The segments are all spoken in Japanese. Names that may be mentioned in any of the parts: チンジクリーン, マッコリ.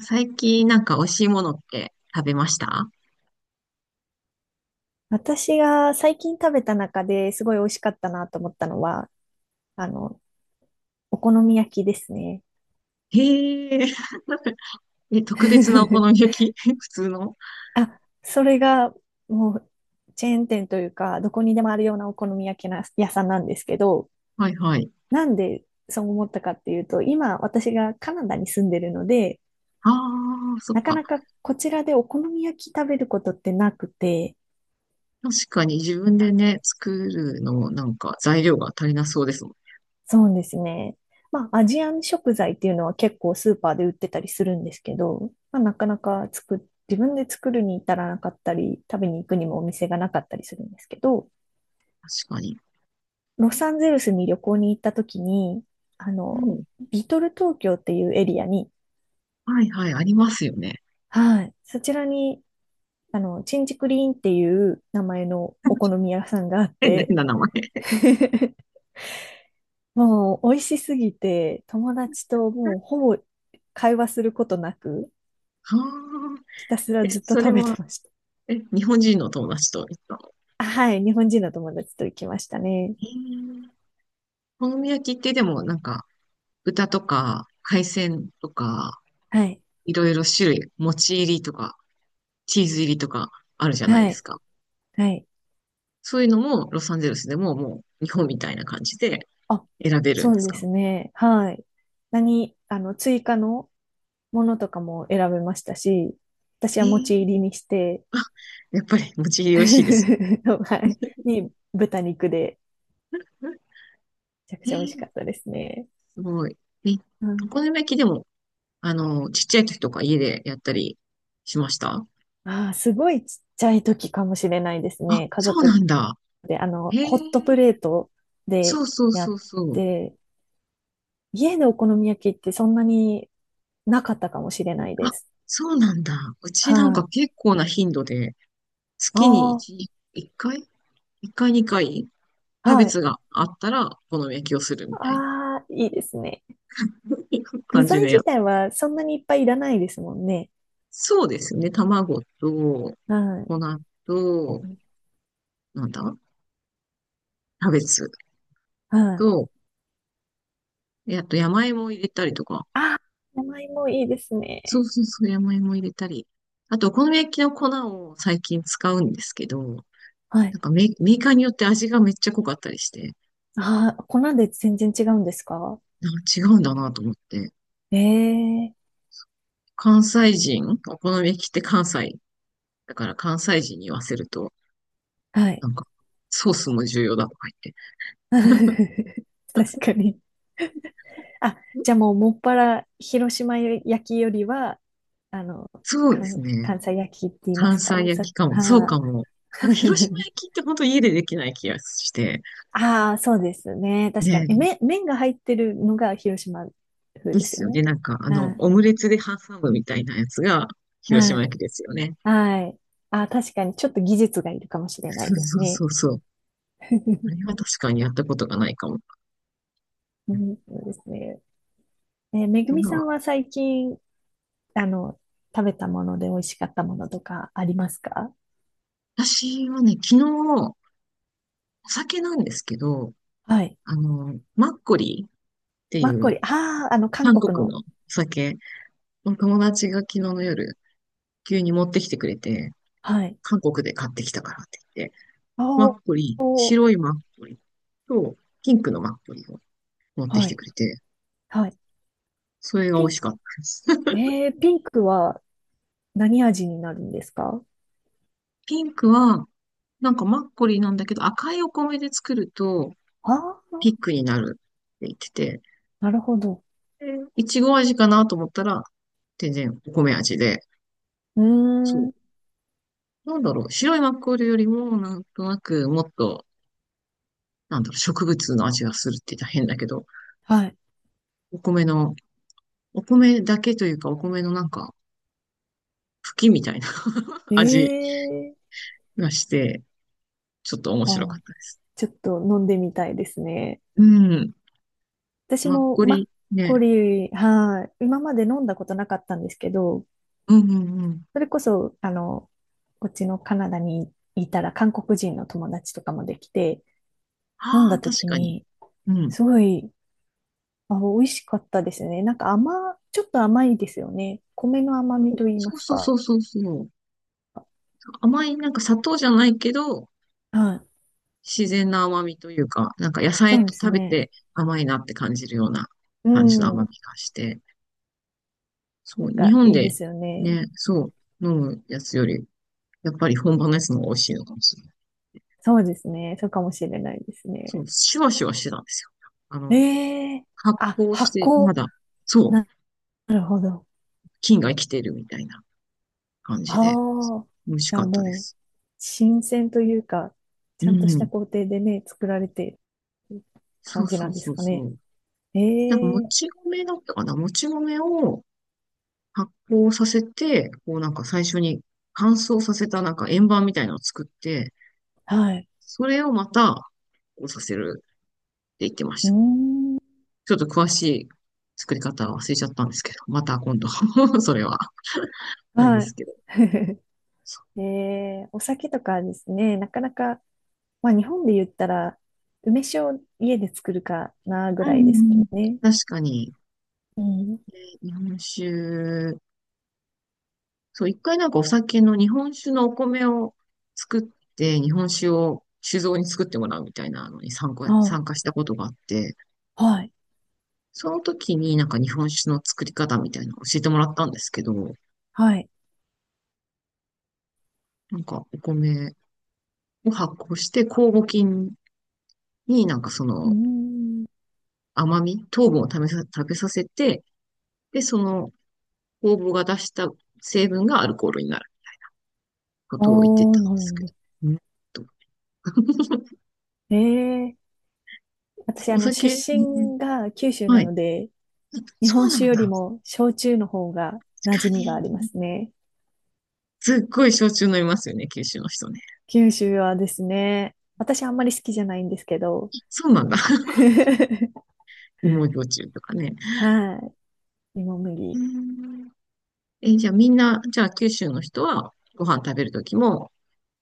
最近なんか美味しいものって食べました？私が最近食べた中ですごい美味しかったなと思ったのは、あの、お好み焼きですね。へえ、え、特別なお好み 焼き 普通の？あ、それがもうチェーン店というか、どこにでもあるようなお好み焼きな屋さんなんですけど、はいはい。なんでそう思ったかっていうと、今私がカナダに住んでるので、ああ、そっなかか。なかこちらでお好み焼き食べることってなくて、確かに自分でね、作るのなんか材料が足りなそうですもん。そうですね。まあ、アジアン食材っていうのは結構スーパーで売ってたりするんですけど、まあ、なかなか作っ、自分で作るに至らなかったり、食べに行くにもお店がなかったりするんですけど、確かに。ロサンゼルスに旅行に行った時に、あうの、ん。リトル東京っていうエリアに、はいはい、ありますよね。はい、そちらに、チンジクリーンっていう名前のお好み屋さんがあっ 変なて、変な名前。もう美味しすぎて、友達ともうほぼ会話することなく、ああ、ひたすらえ、ずっとそれ食べては、ました。え、日本人の友達と行ったの？あ、はい。日本人の友達と行きましたね。へえ、お好み焼きってでもなんか豚とか海鮮とかはい。いろいろ種類、餅入りとかチーズ入りとかあるじゃないはですい。か。はい。そういうのもロサンゼルスでももう日本みたいな感じであ、選べるんそでうすでか？すね。はい。何、あの、追加のものとかも選べましたし、私えは持ー、ち入りにして、あ、やっぱり餅入り美味しいです。はい。に、豚肉で、めちゃくえちゃ美味しー、かったですね。すごい。え、うおん。好み焼きでも、あの、ちっちゃい時とか家でやったりしました？ああ、すごいちっちゃい時かもしれないですあ、ね。家そうな族んだ。で、へえ、ホットプレートそでうそうやそうっそう。て、家でお好み焼きってそんなになかったかもしれないであ、す。そうなんだ。うちなんはかい。結構な頻度で、月にあ1、1回 ?1 回2回にかいキあ、ャベはい。ツがあったら、お好み焼きをするみたいな。ああ、いいですね。いう具感じ材でや自っ。体はそんなにいっぱいいらないですもんね。そうですね。卵と、はい。粉と、なんだ、キャベツはい。と、であと山芋を入れたりとか。ああ、山芋いいですそね。うそうそう、山芋入れたり。あと、お好み焼きの粉を最近使うんですけど、はい。なんかメメーカーによって味がめっちゃ濃かったりして、ああ、粉で全然違うんですか？なんか違うんだなと思って。ええ、関西人、お好み焼きって関西。だから関西人に言わせると、はい。なんか、ソースも重要だとか言って。確かに。あ、じゃあもうもっぱら広島焼きよりは、あの、そうですね。関西焼きって言いま関すか西お焼さきかも。そうかはあ。も。なんか広島焼 きって本当家でできない気がして。ああ、そうですね。確かに。ね麺が入ってるのが広島え、風でですすよよね。ね。なんかあはの、オい。ムレツで挟むみたいなやつが広は島い。焼きですよね。はい。ああ、確かに。ちょっと技術がいるかもしれないそうでそすうね。そうそう。あ れは確かにやったことがないかも。うん、そうですね。えめぐなんみさかんは最近、あの、食べたもので美味しかったものとかありますか？私はね、昨日、お酒なんですけど、はい。あの、マッコリーっていマッコリ。うああ、あの、韓韓国国の。のお酒、友達が昨日の夜、急に持ってきてくれて、はい。韓国で買ってきたからって言って、あマー、ッコリー、おー、白いマッコリと、ピンクのマッコリを持ってきはてい。くれて、はい。それが美ピン味しク。かったです。えー、ピンクは何味になるんですか？ピンクは、なんかマッコリなんだけど、赤いお米で作ると、ああピー、ックになるって言ってて、なるほど。でいちご味かなと思ったら、全然お米味で、うーそう。ん。なんだろう、白いマッコリよりも、なんとなく、もっと、なんだろう、植物の味がするって言ったら変だけど、はお米の、お米だけというか、お米のなんか、茎みたいな 味い。ええ、がして、ちょっと面白かあ、ったです。ちょっと飲んでみたいですね。うん。私マッもコマッリコね、リー、はい。今まで飲んだことなかったんですけど、うんうんうん。それこそ、こっちのカナダにいたら韓国人の友達とかもできて、飲んあだあ、確時かに。に、うん。すごい、あ、美味しかったですね。なんかちょっと甘いですよね。米の甘みと言いそまうすそうそか。うそうそう。甘い、なんか砂糖じゃないけど、はい。自然な甘みというか、なんか野そ菜うとです食べね。て甘いなって感じるようなう感じの甘ん。みがして。そなう、ん日か本いいでですよね。ね、そう、飲むやつより、やっぱり本場のやつの方が美味しいのかもしれない。そうですね。そうかもしれないですそう、ね。シュワシュワしてたんですよ。あの、ええ、発あ、酵し発て、ま酵。だ、そう、な、なるほど。菌が生きてるみたいな感じで、ああ。美味しじゃかあったでもう、す。新鮮というか、うちゃんとしたん。工程でね、作られてるそ感うじそなうんですそうかそね。う。えなんかもえ、ち米だったかな、もち米を発酵させて、こうなんか最初に乾燥させたなんか円盤みたいなのを作って、はい。それをまた発酵させるって言ってまうしーた。ん、ちょっと詳しい作り方は忘れちゃったんですけど、また今度 それは、あれではすい。けど。ええお酒とかですね、なかなか、まあ日本で言ったら、梅酒を家で作るかなぐうんうんらういですもん。んね。確かに、うん。日本酒、そう、一回なんかお酒の日本酒のお米を作って、日本酒を酒造に作ってもらうみたいなのに参加、あ、参加したことがあって、はい、その時になんか日本酒の作り方みたいなのを教えてもらったんですけど、はい。なんかお米を発酵して酵母菌になんかそうーのん。甘み、糖分を食べさせて、で、その酵母が出した成分がアルコールになることを言ってたんでおー、なるすほけど。ど。うんとええ、私、お出酒、ね、身が九州はない。ので、日そ本う酒なんよだ。り確も焼酎の方が馴か染みがあに。りますね。すっごい焼酎飲みますよね、九州の人ね。九州はですね、私あんまり好きじゃないんですけど、そうなんだ。芋焼酎とかね。はい。芋う麦。ん、え、じゃあみんな、じゃあ九州の人はご飯食べるときも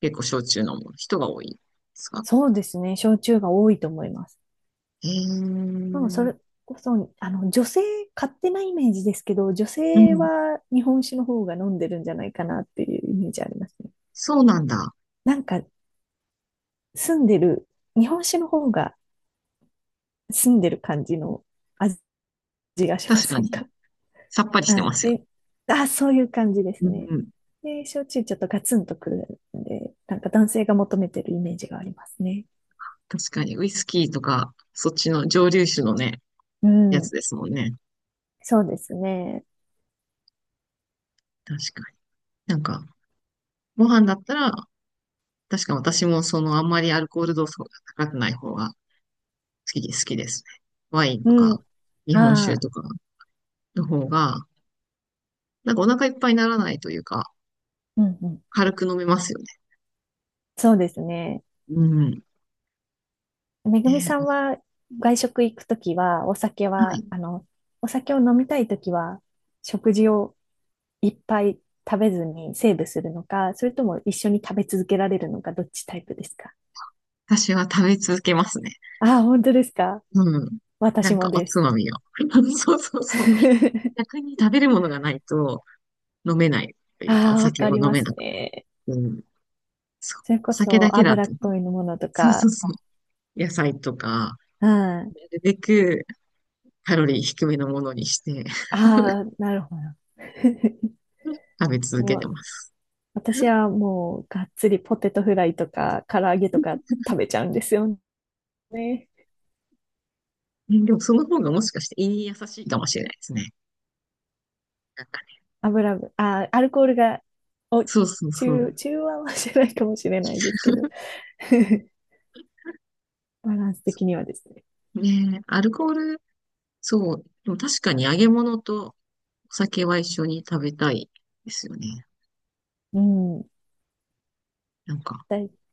結構焼酎飲む人が多いですか？そうですね、焼酎が多いと思います。えでも、そー、れこそ、女性、勝手なイメージですけど、女う性ん、は日本酒の方が飲んでるんじゃないかなっていうイメージありますね。そうなんだ。なんか、住んでる、日本酒の方が、住んでる感じの味がしま確かせんに。か。さっぱり しうてまん。すよ。で、あ、そういう感じですうね。ん、で、焼酎ちょっとガツンとくるんで、なんか男性が求めてるイメージがありますね。確かに。ウイスキーとか、そっちの蒸留酒のね、うやつん。ですもんね。そうですね。確かに。なんか、ご飯だったら、確か私もそのあんまりアルコール度数が高くない方が好きで、好きですね。ワインとうん。か、日本あ酒あ、とかの方が、なんかお腹いっぱいにならないというか、うんうん。軽く飲めますよね。そうですね。うん。めぐで、みさおんはは外食行くときは、お酒は、い。お酒を飲みたいときは、食事をいっぱい食べずにセーブするのか、それとも一緒に食べ続けられるのか、どっちタイプですか？私は食べ続けますね。ああ、本当ですか？うん。な私んかもおでつす。まみを。そうそうそう。逆に食べるものがないと飲めないというか、おああ、わ酒かをり飲まめすなくて。ね。うん。そう。おそれこ酒だそけだ脂と。っこいのものとそうそうか。そう。野菜とか、うん。なあるべくカロリー低めのものにして あ、なるほど。食べ続けもてう、ます。私 はもうがっつりポテトフライとか唐揚げとか食べちゃうんですよね。ね、でもその方がもしかして胃に優しいかもしれないですね。なんかね。油分、あー、アルコールが、お、そうそうそう。中和はしないかもしれないですけど、バランス的にはですね。ねえアルコール、そう。でも確かに揚げ物とお酒は一緒に食べたいですよね。うん。なんか、だ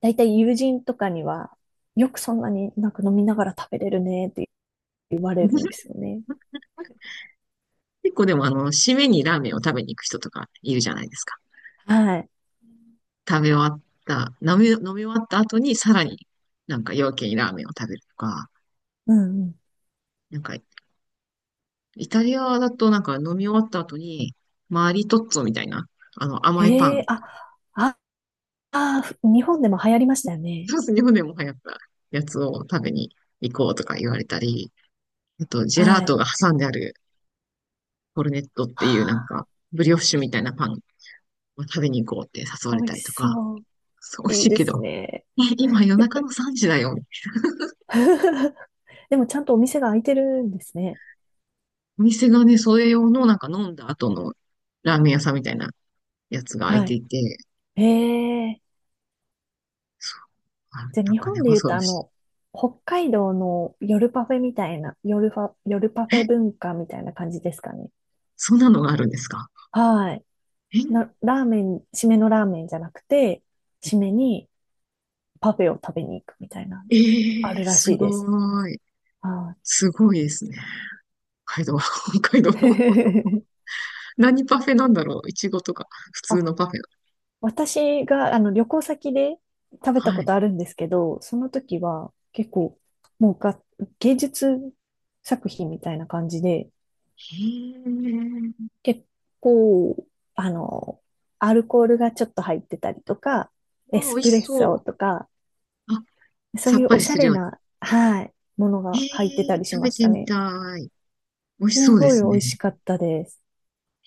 だいたい友人とかには、よくそんなになんか飲みながら食べれるねって言われるんで すよね。結構でもあの、締めにラーメンを食べに行く人とかいるじゃないですか。はい。食べ終わった、飲み終わった後にさらになんか夜明けにラーメンを食べるとか、うんうん。なんか、イタリアだとなんか飲み終わった後に、マリトッツォみたいな、あの甘いパへえ、ン、あ、あ、日本でも流行りましたよね。フランス、日本でも流行ったやつを食べに行こうとか言われたり、あとジェラはートい。が挟んであるコルネットっていうなんあか、ブリオッシュみたいなパンを食べに行こうって誘わあ、れ美た味りしとか、そう。そう、美味いしいいでけど。すね。え、今夜中の3時だよ。でもちゃんとお店が開いてるんですね。お店がね、それ用のなんか飲んだ後のラーメン屋さんみたいなやつが開いはてい。いて、へえ。そう、あ、じゃあなん日かね、本で言う恐とろあしの、北海道の夜パフェみたいな、夜パい。フェえ、文化みたいな感じですかね。そんなのがあるんですか？はい。え、ラーメン、締めのラーメンじゃなくて、締めにパフェを食べに行くみたいな、えあー、るらしすいです。ごい。はすごいですね。北海道、北海道。い。何パフェなんだろう。いちごとか、普 通あ、のパフェ。私があの旅行先で食べたはこい。とあるんですけど、その時は結構、もうが、芸術作品みたいな感じで、へえ、結構、あの、アルコールがちょっと入ってたりとか、あ、エ美ス味しプレッそう。ソとか、あ、そうさいっうぱおりしゃするれように。な、はい、ものへが入ってたえ、りし食まべしてたみね。たい。美味しそすうでごいす美味しね。かったです。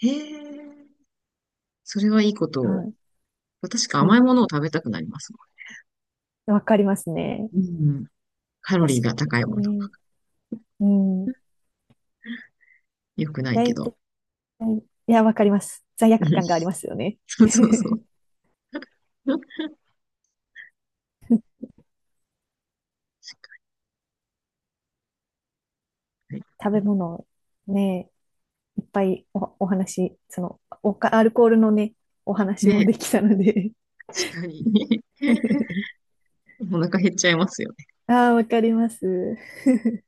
へえ。それはいいことはを。い。確かも甘いものを食べたくなりますう、わかりますね。もん。うん。カロ確リかーが高いもの。にね。うん。良くないけ大ど。体、いや、わかります。罪 う悪ん、感がありますよね。そうそうそう。はい、食べ物、ね、いっぱいお、お話、アルコールのね、お話もね、できたので 確かに。お腹減っちゃいますよ。ああ、わかります。